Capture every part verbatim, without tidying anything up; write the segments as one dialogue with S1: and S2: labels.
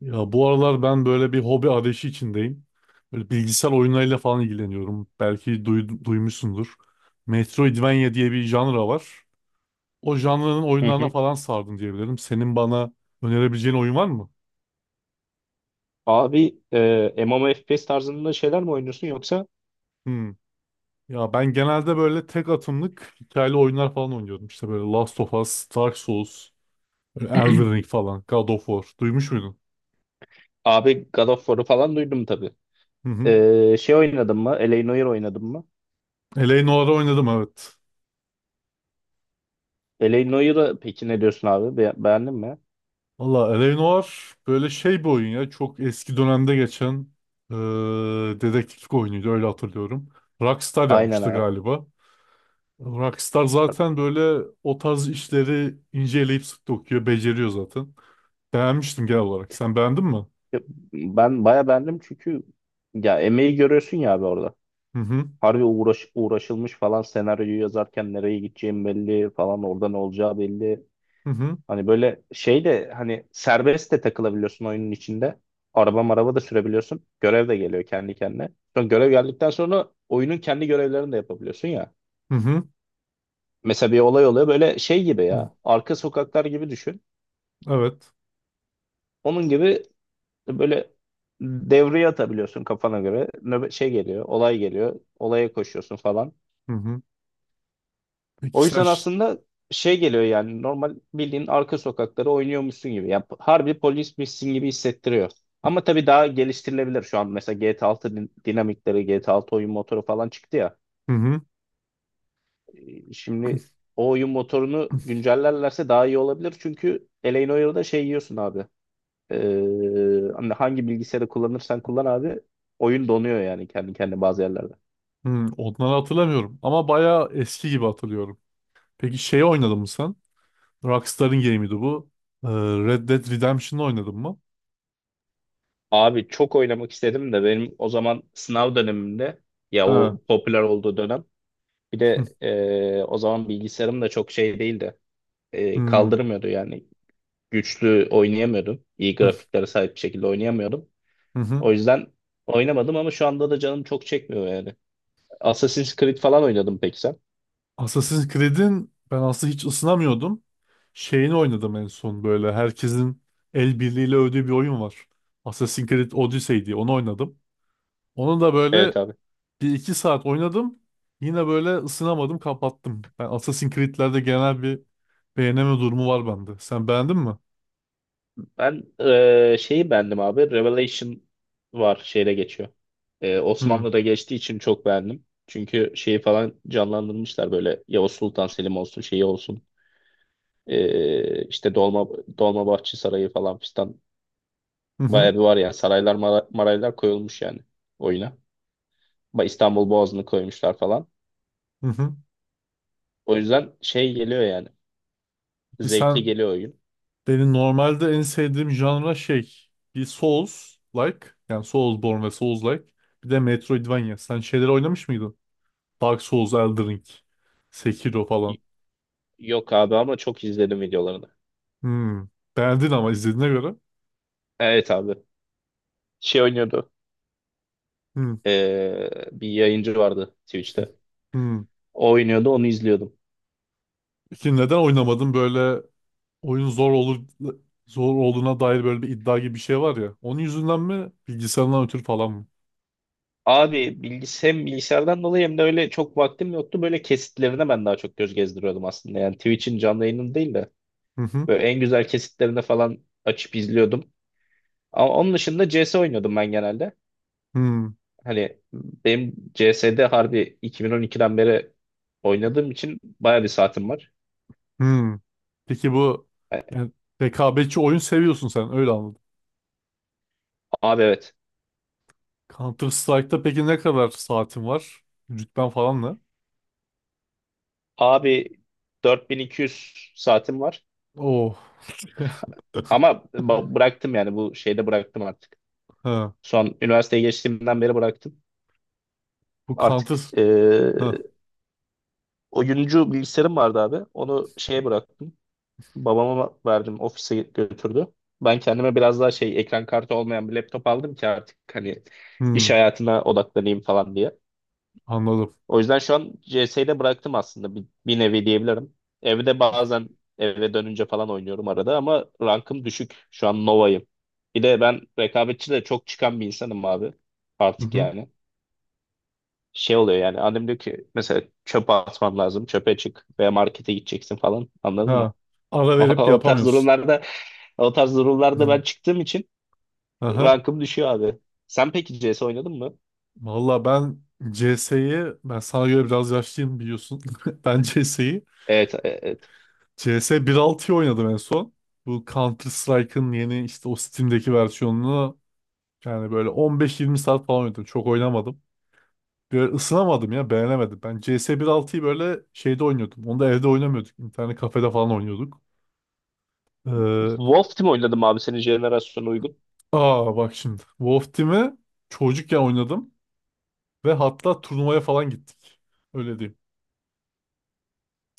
S1: Ya bu aralar ben böyle bir hobi arayışı içindeyim. Böyle bilgisayar oyunlarıyla falan ilgileniyorum. Belki duy- duymuşsundur. Metroidvania diye bir janra var. O janranın
S2: Hı
S1: oyunlarına
S2: hı.
S1: falan sardım diyebilirim. Senin bana önerebileceğin oyun var mı?
S2: Abi e, M M O F P S tarzında şeyler mi oynuyorsun yoksa
S1: Hmm. Ya ben genelde böyle tek atımlık hikayeli oyunlar falan oynuyorum. İşte böyle Last of Us, Dark Souls, böyle Elden Ring falan, God of War. Duymuş muydun?
S2: abi God of War'u falan duydum tabii.
S1: Hı hı.
S2: E, şey oynadın mı? L A. Noire oynadın mı?
S1: Eleanor'u oynadım, evet.
S2: L A. Noire'ı peki ne diyorsun abi? Be- beğendin mi?
S1: Valla L A. Noir böyle şey bir oyun ya. Çok eski dönemde geçen eee dedektiflik oyunuydu, öyle hatırlıyorum. Rockstar
S2: Aynen
S1: yapmıştı
S2: abi.
S1: galiba. Rockstar
S2: Bak,
S1: zaten böyle o tarz işleri inceleyip sık dokuyor, beceriyor zaten. Beğenmiştim genel olarak. Sen beğendin mi?
S2: e, ben baya beğendim, çünkü ya emeği görüyorsun ya abi orada.
S1: Hı hı,
S2: Harbi uğraş, uğraşılmış falan senaryoyu yazarken nereye gideceğim belli, falan orada ne olacağı belli.
S1: hı hı,
S2: Hani böyle şey de hani serbest de takılabiliyorsun oyunun içinde. Araba maraba da sürebiliyorsun. Görev de geliyor kendi kendine. Sonra görev geldikten sonra oyunun kendi görevlerini de yapabiliyorsun ya.
S1: hı hı.
S2: Mesela bir olay oluyor böyle şey gibi
S1: Hı.
S2: ya. Arka sokaklar gibi düşün.
S1: Evet.
S2: Onun gibi böyle devreye atabiliyorsun kafana göre. Nöbet şey geliyor, olay geliyor. Olaya koşuyorsun falan.
S1: Hı hı. Peki
S2: O
S1: sen...
S2: yüzden
S1: ş-
S2: aslında şey geliyor yani normal bildiğin arka sokakları oynuyormuşsun gibi. Ya harbi polismişsin gibi hissettiriyor. Ama tabii daha geliştirilebilir şu an. Mesela G T A altı din- dinamikleri, G T A altı oyun motoru falan çıktı ya.
S1: Hı hı,
S2: E, Şimdi o oyun motorunu güncellerlerse daha iyi olabilir. Çünkü Elane Oyun'da şey yiyorsun abi. Ee, hani hangi bilgisayarı kullanırsan kullan abi. Oyun donuyor yani kendi kendine bazı yerlerde.
S1: hı. Onları hatırlamıyorum. Ama bayağı eski gibi hatırlıyorum. Peki şeyi oynadın mı sen? Rockstar'ın game'iydi bu. Ee, Red Dead Redemption'ı oynadın mı?
S2: Abi çok oynamak istedim de benim o zaman sınav dönemimde, ya
S1: Ha.
S2: o popüler olduğu dönem. Bir
S1: Hı
S2: de e, o zaman bilgisayarım da çok şey değildi. E,
S1: hı
S2: kaldırmıyordu yani. Güçlü oynayamıyordum. İyi
S1: hı
S2: grafiklere sahip bir şekilde oynayamıyordum.
S1: hı. Hı.
S2: O yüzden oynamadım, ama şu anda da canım çok çekmiyor yani. Assassin's Creed falan oynadım, peki sen?
S1: Assassin's Creed'in ben aslında hiç ısınamıyordum. Şeyini oynadım en son böyle. Herkesin el birliğiyle övdüğü bir oyun var. Assassin's Creed Odyssey diye onu oynadım. Onu da böyle
S2: Evet abi.
S1: bir iki saat oynadım. Yine böyle ısınamadım, kapattım. Ben Assassin's Creed'lerde genel bir beğeneme durumu var bende. Sen beğendin mi?
S2: Ben e, şeyi beğendim abi. Revelation var, şeyde geçiyor. E,
S1: Hı
S2: Osmanlı'da geçtiği için çok beğendim. Çünkü şeyi falan canlandırmışlar böyle, Yavuz Sultan Selim olsun şeyi olsun. Ee, işte Dolma Dolmabahçe Sarayı falan fistan,
S1: hı hı.
S2: bayağı bir var yani saraylar mara- maraylar koyulmuş yani oyuna. Ba- İstanbul Boğazı'nı koymuşlar falan.
S1: Hı. Hı.
S2: O yüzden şey geliyor yani,
S1: Peki
S2: zevkli
S1: sen.
S2: geliyor oyun.
S1: Benim normalde en sevdiğim janra şey, bir Souls-like, yani Soulsborne ve Souls-like, bir de Metroidvania. Sen şeyleri oynamış mıydın? Dark Souls, Elden Ring, Sekiro falan.
S2: Y- Yok abi, ama çok izledim videolarını.
S1: Hmm. Beğendin ama izlediğine göre.
S2: Evet abi şey oynuyordu,
S1: Hmm.
S2: ee, bir yayıncı vardı Twitch'te.
S1: Hmm.
S2: O oynuyordu, onu izliyordum.
S1: Peki neden oynamadın? Böyle oyun zor olur, zor olduğuna dair böyle bir iddia gibi bir şey var ya. Onun yüzünden mi, bilgisayarından ötürü falan mı?
S2: Abi bilgis hem bilgisayardan dolayı hem de öyle çok vaktim yoktu. Böyle kesitlerine ben daha çok göz gezdiriyordum aslında. Yani Twitch'in canlı yayını değil de
S1: Hı hı.
S2: böyle en güzel kesitlerinde falan açıp izliyordum. Ama onun dışında C S oynuyordum ben genelde.
S1: Hmm.
S2: Hani benim C S'de harbi iki bin on ikiden beri oynadığım için baya bir saatim var.
S1: Hmm. Peki bu,
S2: Yani
S1: yani rekabetçi oyun seviyorsun sen, öyle anladım.
S2: abi evet.
S1: Counter Strike'da peki ne kadar saatin var? Rütben falan ne?
S2: Abi dört bin iki yüz saatim var.
S1: Oh.
S2: Ama ba- bıraktım yani, bu şeyde bıraktım artık.
S1: Ha.
S2: Son üniversiteye geçtiğimden beri bıraktım.
S1: Bu
S2: Artık
S1: Counter...
S2: eee
S1: Ha.
S2: oyuncu bilgisayarım vardı abi. Onu şeye bıraktım. Babama verdim. Ofise götürdü. Ben kendime biraz daha şey, ekran kartı olmayan bir laptop aldım ki artık hani iş
S1: Hmm.
S2: hayatına odaklanayım falan diye.
S1: Anladım.
S2: O yüzden şu an C S'yi de bıraktım aslında, bir, bir nevi diyebilirim. Evde bazen eve dönünce falan oynuyorum arada, ama rankım düşük. Şu an Nova'yım. Bir de ben rekabetçi de çok çıkan bir insanım abi.
S1: Hı
S2: Artık
S1: hı.
S2: yani. Şey oluyor yani, annem diyor ki mesela çöpe atman lazım, çöpe çık veya markete gideceksin falan, anladın mı?
S1: Ha. Ara verip
S2: O tarz
S1: yapamıyorsun.
S2: durumlarda O tarz durumlarda
S1: Hı.
S2: ben çıktığım için
S1: Aha.
S2: rankım düşüyor abi. Sen peki C S oynadın mı?
S1: Valla ben C S'yi ben sana göre biraz yaşlıyım, biliyorsun. Ben C S'yi
S2: Evet, e, evet.
S1: C S bir nokta altıyı oynadım en son. Bu Counter Strike'ın yeni, işte o Steam'deki versiyonunu, yani böyle on beş yirmi saat falan oynadım. Çok oynamadım. Böyle ısınamadım ya, beğenemedim. Ben C S bir altıyı böyle şeyde oynuyordum. Onu da evde oynamıyorduk. İnternet kafede falan oynuyorduk. Ee,
S2: Wolf Team oynadım abi, senin jenerasyona uygun.
S1: aa bak şimdi. Wolf Team'i çocukken oynadım. Ve hatta turnuvaya falan gittik. Öyle diyeyim.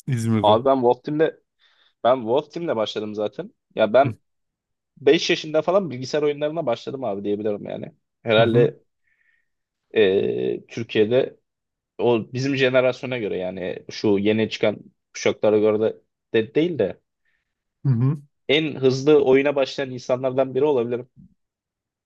S1: İzmir'de.
S2: Abi ben Wolf Team'le ben Wolf Team'le başladım zaten. Ya
S1: Hı
S2: ben beş yaşında falan bilgisayar oyunlarına başladım abi, diyebilirim yani.
S1: hı
S2: Herhalde e, Türkiye'de o bizim jenerasyona göre, yani şu yeni çıkan kuşaklara göre de, de değil de,
S1: hı hı.
S2: en hızlı oyuna başlayan insanlardan biri olabilirim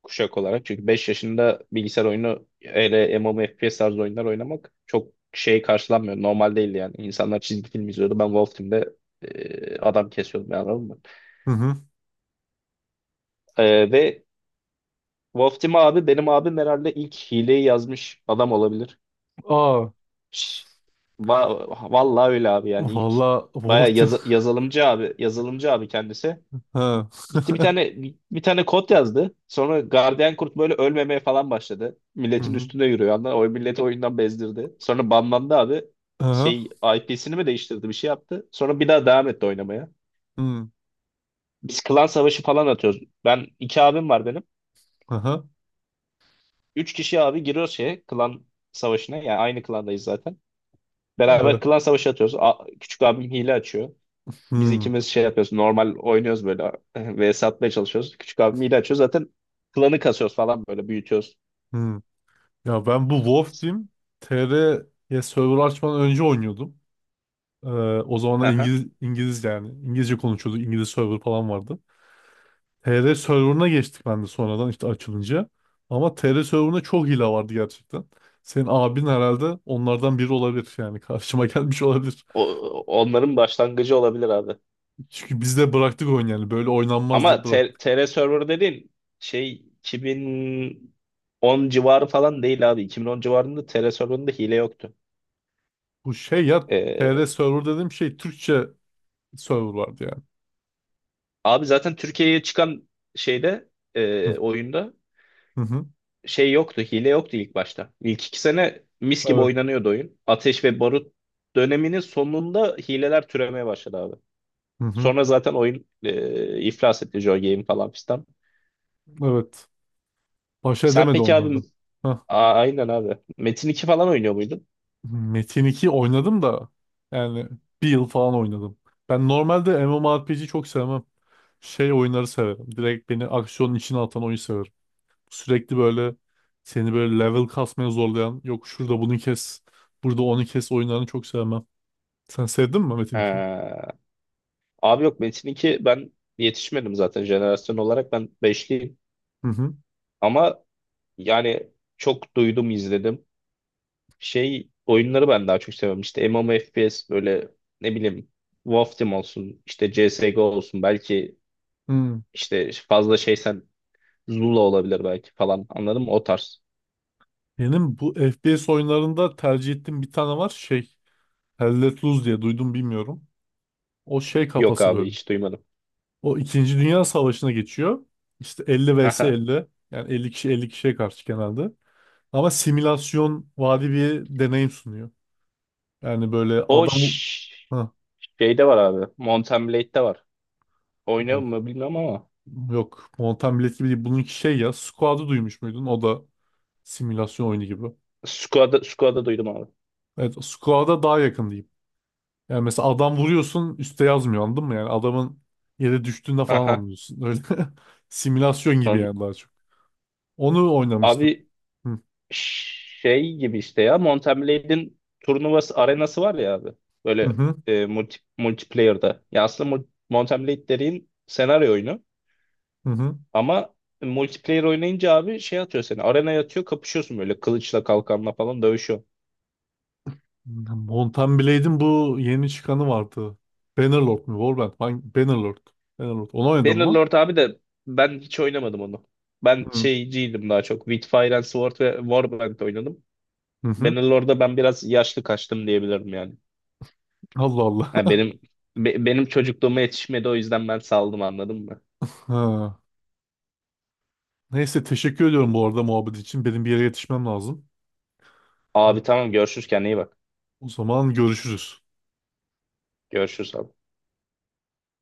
S2: kuşak olarak. Çünkü beş yaşında bilgisayar oyunu öyle M M O F P S tarzı oyunlar oynamak çok şey karşılanmıyor. Normal değil yani. İnsanlar çizgi film izliyordu. Ben Wolf Team'de e, adam kesiyordum yani, anladın mı?
S1: Hı hı.
S2: E, ve Wolf Team abi, benim abim herhalde ilk hileyi yazmış adam olabilir.
S1: Aa,
S2: Şş, va- vallahi öyle abi, yani ilk
S1: valla,
S2: baya
S1: Wolf Team.
S2: yazılımcı abi yazılımcı abi kendisi.
S1: Ha.
S2: Gitti bir tane bir tane kod yazdı. Sonra gardiyan kurt böyle ölmemeye falan başladı.
S1: Hı
S2: Milletin
S1: hı.
S2: üstüne yürüyor, anladın mı? O milleti oyundan bezdirdi. Sonra banlandı abi.
S1: Aha.
S2: Şey, I P'sini mi değiştirdi, bir şey yaptı. Sonra bir daha devam etti oynamaya.
S1: Hı.
S2: Biz klan savaşı falan atıyoruz. Ben iki abim var benim.
S1: Aha.
S2: Üç kişi abi giriyoruz şeye, klan savaşına. Yani aynı klandayız zaten. Beraber
S1: Evet.
S2: klan savaşı atıyoruz. A- küçük abim hile açıyor. Biz
S1: Hı.
S2: ikimiz şey yapıyoruz. Normal oynuyoruz böyle. Ve satmaya çalışıyoruz. Küçük abim hile açıyor. Zaten klanı kasıyoruz falan, böyle büyütüyoruz.
S1: Hı. Ya ben bu Wolf Team T R'ye server açmadan önce oynuyordum. Ee, o zamanlar
S2: Haha.
S1: İngiliz, İngiliz yani İngilizce konuşuyorduk. İngiliz server falan vardı. T R server'ına geçtik ben de sonradan, işte açılınca. Ama T R server'ına çok hile vardı gerçekten. Senin abin herhalde onlardan biri olabilir, yani karşıma gelmiş olabilir.
S2: O, onların başlangıcı olabilir abi.
S1: Çünkü biz de bıraktık oyun, yani böyle oynanmaz
S2: Ama
S1: deyip
S2: T-
S1: bıraktık.
S2: TR Server dediğin şey iki bin on civarı falan değil abi. iki bin on civarında T R Server'ında hile yoktu.
S1: Bu şey ya, T R
S2: Ee,
S1: server dediğim şey, Türkçe server vardı yani.
S2: abi zaten Türkiye'ye çıkan şeyde, e,
S1: Hı
S2: oyunda
S1: hı. Hı.
S2: şey yoktu. Hile yoktu ilk başta. İlk iki sene mis gibi
S1: Evet.
S2: oynanıyordu oyun. Ateş ve Barut döneminin sonunda hileler türemeye başladı abi.
S1: Hı hı.
S2: Sonra zaten oyun e, iflas etti. Joy Game falan fistan.
S1: Evet. Baş
S2: Sen
S1: edemedi
S2: peki abi?
S1: onlarda.
S2: A- aynen abi. Metin iki falan oynuyor muydun?
S1: Metin iki oynadım da, yani bir yıl falan oynadım. Ben normalde MMORPG çok sevmem. Şey oyunları severim. Direkt beni aksiyonun içine atan oyun severim. Sürekli böyle seni böyle level kasmaya zorlayan, yok şurada bunu kes, burada onu kes oyunlarını çok sevmem. Sen sevdin mi Metin
S2: Ee,
S1: ikiyi?
S2: abi yok Metin iki, ben yetişmedim zaten jenerasyon olarak, ben beşliyim.
S1: Hı hı.
S2: Ama yani çok duydum izledim. Şey oyunları ben daha çok seviyorum. İşte M M O F P S böyle, ne bileyim, Wolf Team olsun işte, C S G O olsun belki,
S1: Hı.
S2: işte fazla şeysen Zula olabilir belki falan, anladın mı? O tarz.
S1: Benim bu F P S oyunlarında tercih ettiğim bir tane var, şey Hell Let Loose diye, duydum bilmiyorum. O şey
S2: Yok
S1: kafası
S2: abi
S1: böyle.
S2: hiç duymadım.
S1: O İkinci Dünya Savaşı'na geçiyor. İşte elli vs
S2: Aha.
S1: elli. Yani elli kişi elli kişiye karşı genelde. Ama simülasyon vari bir deneyim sunuyor. Yani böyle
S2: O
S1: adam...
S2: ş-
S1: Ha,
S2: şeyde var abi. Mountain Blade'de var. Oynuyor
S1: Mon-
S2: mu bilmiyorum ama.
S1: yok. Mountain Blade gibi değil. Bununki şey ya. Squad'ı duymuş muydun? O da simülasyon oyunu gibi.
S2: Squad'ı Squad'ı duydum abi.
S1: Evet. Squad'a daha yakın diyeyim. Yani mesela adam vuruyorsun, üstte yazmıyor anladın mı? Yani adamın yere düştüğünde falan
S2: Aha.
S1: anlıyorsun. Öyle simülasyon gibi
S2: Onun-
S1: yani daha çok. Onu oynamıştım.
S2: Abi
S1: Hı
S2: şey gibi, işte ya, Mountain Blade'in turnuvası arenası var ya abi.
S1: hı
S2: Böyle
S1: hı.
S2: e, multi, multiplayer'da. Ya aslında mul- Mountain Blade dediğin senaryo oyunu.
S1: Hı.
S2: Ama multiplayer oynayınca abi şey atıyor seni. Arenaya atıyor, kapışıyorsun böyle, kılıçla kalkanla falan dövüşüyor.
S1: Mountain Blade'in bu yeni çıkanı vardı. Bannerlord mu? Warband. Hangi? Bannerlord. Bannerlord. Onu oynadın mı?
S2: Bannerlord abi de, ben hiç oynamadım onu. Ben
S1: Hı.
S2: şeyciydim daha çok. With Fire and Sword ve Warband oynadım.
S1: Hı hı.
S2: Bannerlord'da ben biraz yaşlı kaçtım diyebilirim yani.
S1: Allah Allah.
S2: Ha, benim be- benim çocukluğuma yetişmedi, o yüzden ben saldım, anladın mı?
S1: Ha. Neyse, teşekkür ediyorum bu arada muhabbet için. Benim bir yere yetişmem lazım. Evet.
S2: Abi tamam görüşürüz, kendine iyi bak.
S1: O zaman görüşürüz.
S2: Görüşürüz abi.